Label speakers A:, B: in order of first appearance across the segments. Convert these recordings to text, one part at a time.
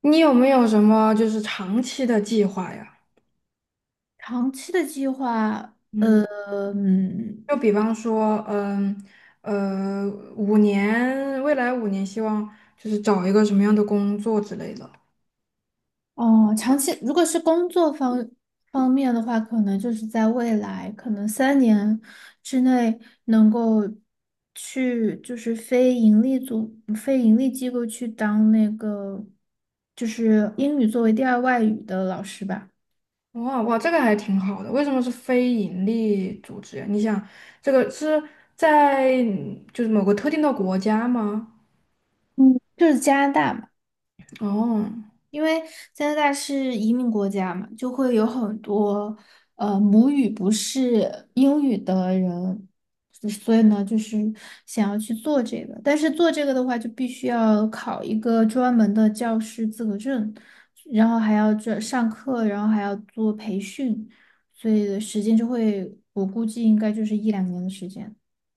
A: 你有没有什么就是长期的计划呀？
B: 长期的计划。
A: 嗯，
B: 嗯。
A: 就比方说，呃，五年，未来五年，希望就是找一个什么样的工作之类的。
B: 哦，长期如果是工作方面的话，可能就是在未来，可能3年之内能够去就是非盈利机构去当那个就是英语作为第二外语的老师吧。
A: 哇哇，这个还挺好的。为什么是非盈利组织呀？你想，这个是在就是某个特定的国家吗？
B: 嗯，就是加拿大嘛。
A: 哦
B: 因为加拿大是移民国家嘛，就会有很多母语不是英语的人，所以呢，就是想要去做这个，但是做这个的话，就必须要考一个专门的教师资格证，然后还要这上课，然后还要做培训，所以的时间就会，我估计应该就是一两年的时间。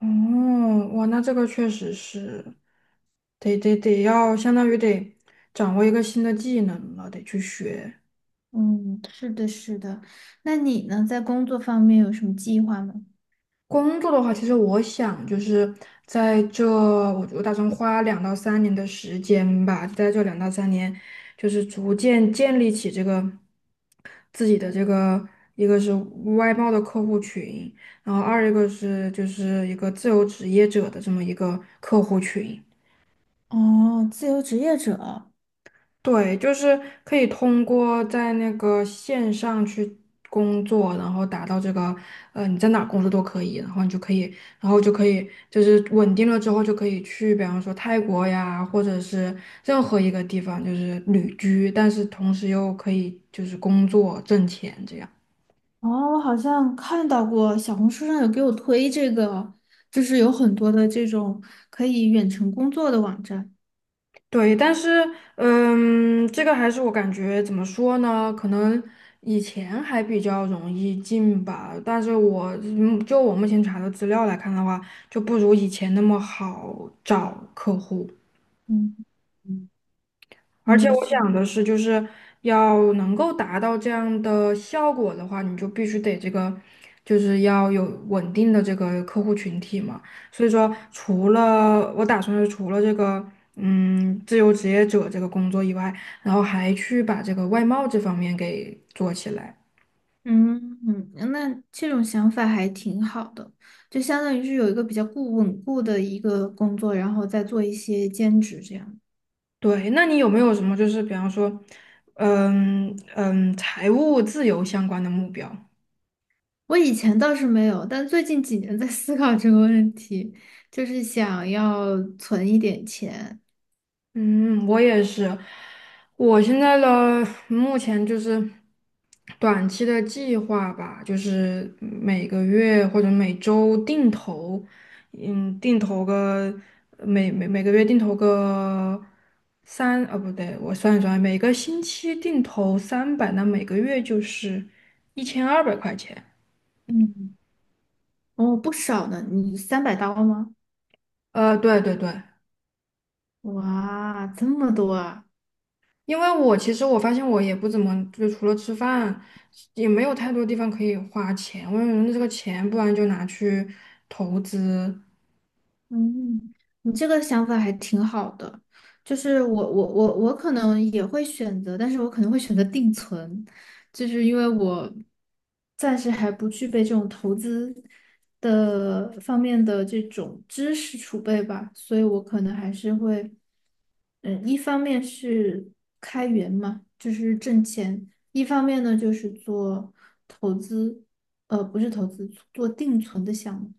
A: 哦，哇，那这个确实是，得要相当于得掌握一个新的技能了，得去学。
B: 嗯，是的，是的。那你呢，在工作方面有什么计划吗？
A: 工作的话，其实我想就是在这，我打算花两到三年的时间吧，在这两到三年，就是逐渐建立起这个自己的这个，一个是外贸的客户群，然后二一个是就是一个自由职业者的这么一个客户群。
B: 哦，自由职业者。
A: 对，就是可以通过在那个线上去工作，然后达到这个，你在哪儿工作都可以，然后就可以，就是稳定了之后就可以去，比方说泰国呀，或者是任何一个地方，就是旅居，但是同时又可以就是工作挣钱这样。
B: 哦，我好像看到过小红书上有给我推这个，就是有很多的这种可以远程工作的网站。
A: 对，但是，这个还是我感觉怎么说呢？可能以前还比较容易进吧，但是我就我目前查的资料来看的话，就不如以前那么好找客户。
B: 嗯嗯，
A: 而
B: 应
A: 且
B: 该
A: 我
B: 是，
A: 想的是，就是要能够达到这样的效果的话，你就必须得这个，就是要有稳定的这个客户群体嘛。所以说，除了我打算是除了这个，自由职业者这个工作以外，然后还去把这个外贸这方面给做起来。
B: 嗯嗯，那这种想法还挺好的，就相当于是有一个比较固稳固的一个工作，然后再做一些兼职这样。
A: 对，那你有没有什么就是比方说，财务自由相关的目标？
B: 我以前倒是没有，但最近几年在思考这个问题，就是想要存一点钱。
A: 嗯，我也是。我现在的目前就是短期的计划吧，就是每个月或者每周定投，定投个每个月定投个三，不对，我算一算，每个星期定投300，那每个月就是1200块钱。
B: 嗯。哦，不少呢，你300刀吗？
A: 对对对。
B: 哇，这么多啊！
A: 因为我其实我发现我也不怎么，就除了吃饭，也没有太多地方可以花钱。我用觉这个钱，不然就拿去投资。
B: 嗯，你这个想法还挺好的。就是我可能也会选择，但是我可能会选择定存，就是因为我暂时还不具备这种投资的方面的这种知识储备吧，所以我可能还是会，嗯，一方面是开源嘛，就是挣钱，一方面呢就是做投资。不是投资，做定存的项目。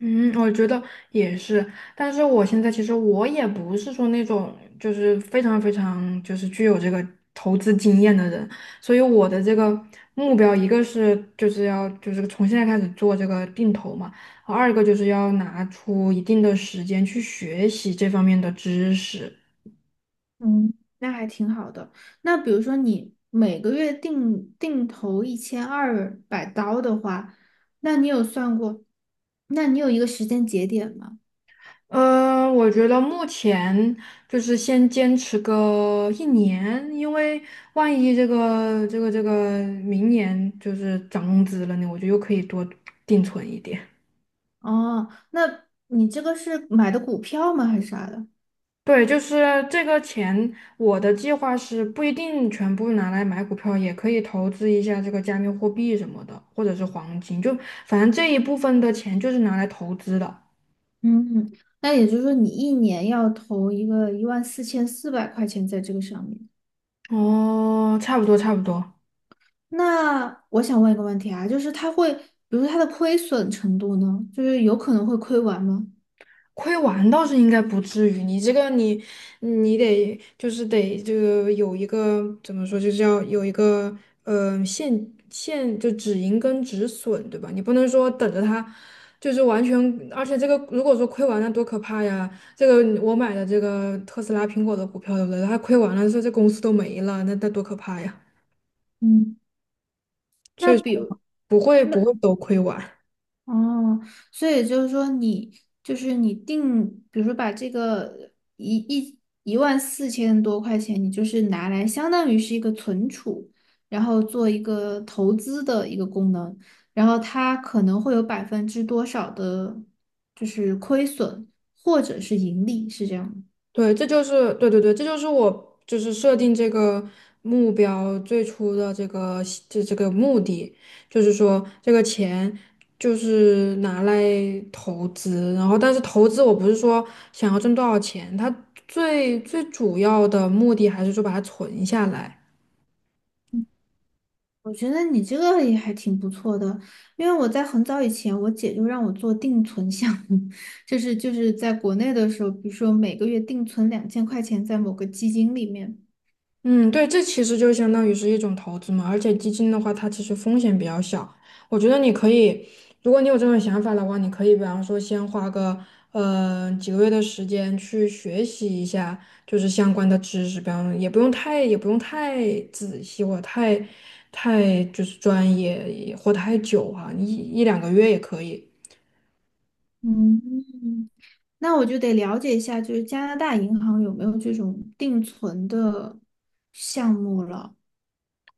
A: 嗯，我觉得也是。但是我现在其实我也不是说那种就是非常非常就是具有这个投资经验的人，所以我的这个目标，一个是就是要就是从现在开始做这个定投嘛，二个就是要拿出一定的时间去学习这方面的知识。
B: 嗯，那还挺好的。那比如说你每个月定投1200刀的话，那你有算过？那你有一个时间节点吗？
A: 我觉得目前就是先坚持个1年，因为万一这个明年就是涨工资了呢，我就又可以多定存一点。
B: 哦，那你这个是买的股票吗？还是啥的？
A: 对，就是这个钱，我的计划是不一定全部拿来买股票，也可以投资一下这个加密货币什么的，或者是黄金，就反正这一部分的钱就是拿来投资的。
B: 嗯，那也就是说你一年要投一个14,400块钱在这个上面。
A: 哦，差不多差不多。
B: 那我想问一个问题啊，就是它会，比如说它的亏损程度呢，就是有可能会亏完吗？
A: 亏完倒是应该不至于，你这个你得就是得这个有一个怎么说，就是要有一个呃现现就止盈跟止损，对吧？你不能说等着它就是完全，而且这个如果说亏完了多可怕呀！这个我买的这个特斯拉、苹果的股票，对不对？它亏完了，说这公司都没了，那多可怕呀！
B: 嗯，
A: 所
B: 那
A: 以说
B: 比如。
A: 不会
B: 那。
A: 不会都亏完。
B: 哦，所以就是说你，就是你定，比如说把这个一万四千多块钱，你就是拿来相当于是一个存储，然后做一个投资的一个功能，然后它可能会有百分之多少的，就是亏损或者是盈利，是这样吗？
A: 对，这就是对对对，这就是我就是设定这个目标最初的这个这个目的，就是说这个钱就是拿来投资，然后但是投资我不是说想要挣多少钱，它最最主要的目的还是说把它存下来。
B: 我觉得你这个也还挺不错的，因为我在很早以前，我姐就让我做定存项目，就是在国内的时候，比如说每个月定存2000块钱在某个基金里面。
A: 嗯，对，这其实就相当于是一种投资嘛，而且基金的话，它其实风险比较小。我觉得你可以，如果你有这种想法的话，你可以比方说先花个几个月的时间去学习一下，就是相关的知识，比方也不用太仔细或者太就是专业也或太久哈，一两个月也可以。
B: 嗯，那我就得了解一下，就是加拿大银行有没有这种定存的项目了。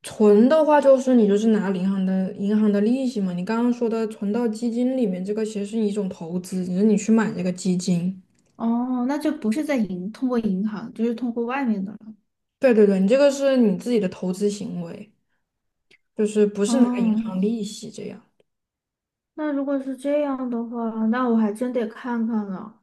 A: 存的话，就是你就是拿银行的利息嘛。你刚刚说的存到基金里面，这个其实是一种投资，只是你去买这个基金。
B: 哦，那就不是在银，通过银行，就是通过外面的了。
A: 对对对，你这个是你自己的投资行为，就是不是拿银
B: 哦，
A: 行利息这样。
B: 那如果是这样的话，那我还真得看看了。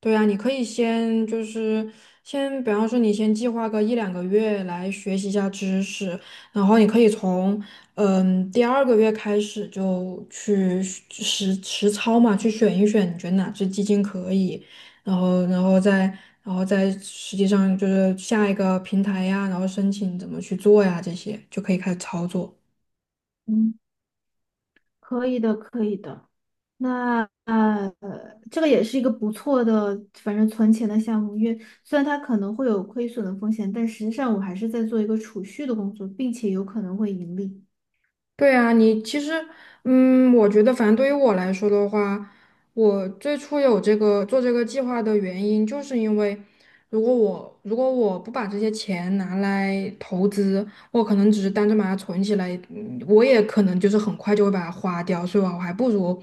A: 对啊，你可以先就是先，比方说你先计划个一两个月来学习一下知识，然后你可以从第2个月开始就去实操嘛，去选一选你觉得哪只基金可以，然后然后再然后再实际上就是下一个平台呀，然后申请怎么去做呀，这些就可以开始操作。
B: 嗯，可以的，可以的。那这个也是一个不错的，反正存钱的项目，因为虽然它可能会有亏损的风险，但实际上我还是在做一个储蓄的工作，并且有可能会盈利。
A: 对啊，你其实，嗯，我觉得反正对于我来说的话，我最初有这个做这个计划的原因，就是因为如果我不把这些钱拿来投资，我可能只是单纯把它存起来，我也可能就是很快就会把它花掉，所以我还不如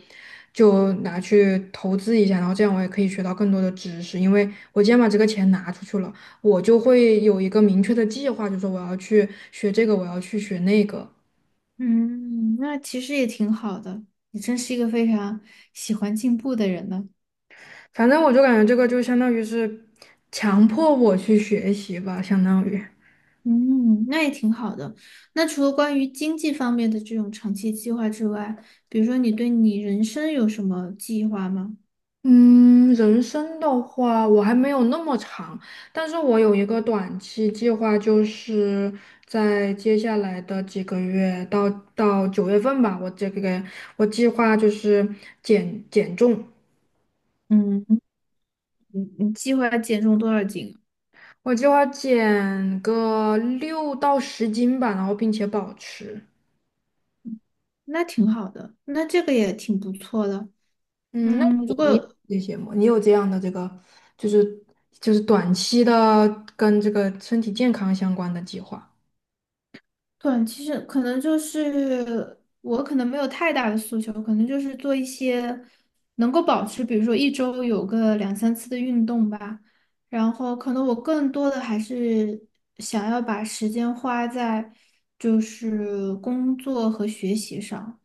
A: 就拿去投资一下，然后这样我也可以学到更多的知识，因为我既然把这个钱拿出去了，我就会有一个明确的计划，就是说我要去学这个，我要去学那个。
B: 嗯，那其实也挺好的，你真是一个非常喜欢进步的人呢。
A: 反正我就感觉这个就相当于是强迫我去学习吧，相当于。
B: 嗯，那也挺好的。那除了关于经济方面的这种长期计划之外，比如说你对你人生有什么计划吗？
A: 嗯，人生的话，我还没有那么长，但是我有一个短期计划，就是在接下来的几个月到到9月份吧，我这个我计划就是减重，
B: 嗯，你计划减重多少斤啊？
A: 我计划减个6到10斤吧，然后并且保持。
B: 那挺好的，那这个也挺不错的。
A: 嗯，那
B: 嗯，如
A: 你你
B: 果
A: 这些吗？你有这样的这个，就是就是短期的跟这个身体健康相关的计划。
B: 短期是可能就是我可能没有太大的诉求，可能就是做一些能够保持，比如说一周有个两三次的运动吧。然后可能我更多的还是想要把时间花在就是工作和学习上，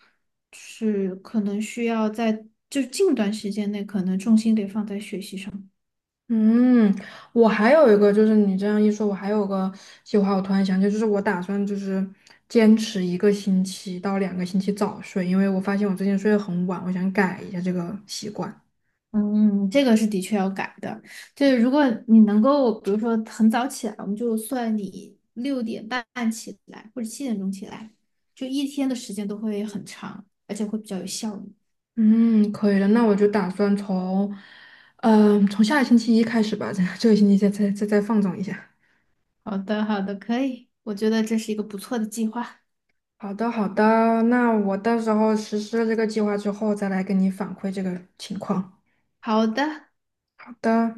B: 是可能需要在就近段时间内可能重心得放在学习上。
A: 嗯，我还有一个，就是你这样一说，我还有个计划，我突然想起来就是我打算就是坚持1个星期到2个星期早睡，因为我发现我最近睡得很晚，我想改一下这个习惯。
B: 嗯，这个是的确要改的。就是如果你能够，比如说很早起来，我们就算你6点半起来或者7点钟起来，就一天的时间都会很长，而且会比较有效率。
A: 嗯，可以的，那我就打算从下个星期一开始吧，这个星期再放纵一下。
B: 好的，好的，可以，我觉得这是一个不错的计划。
A: 好的，好的，那我到时候实施了这个计划之后，再来跟你反馈这个情况。
B: 好的。
A: 好的。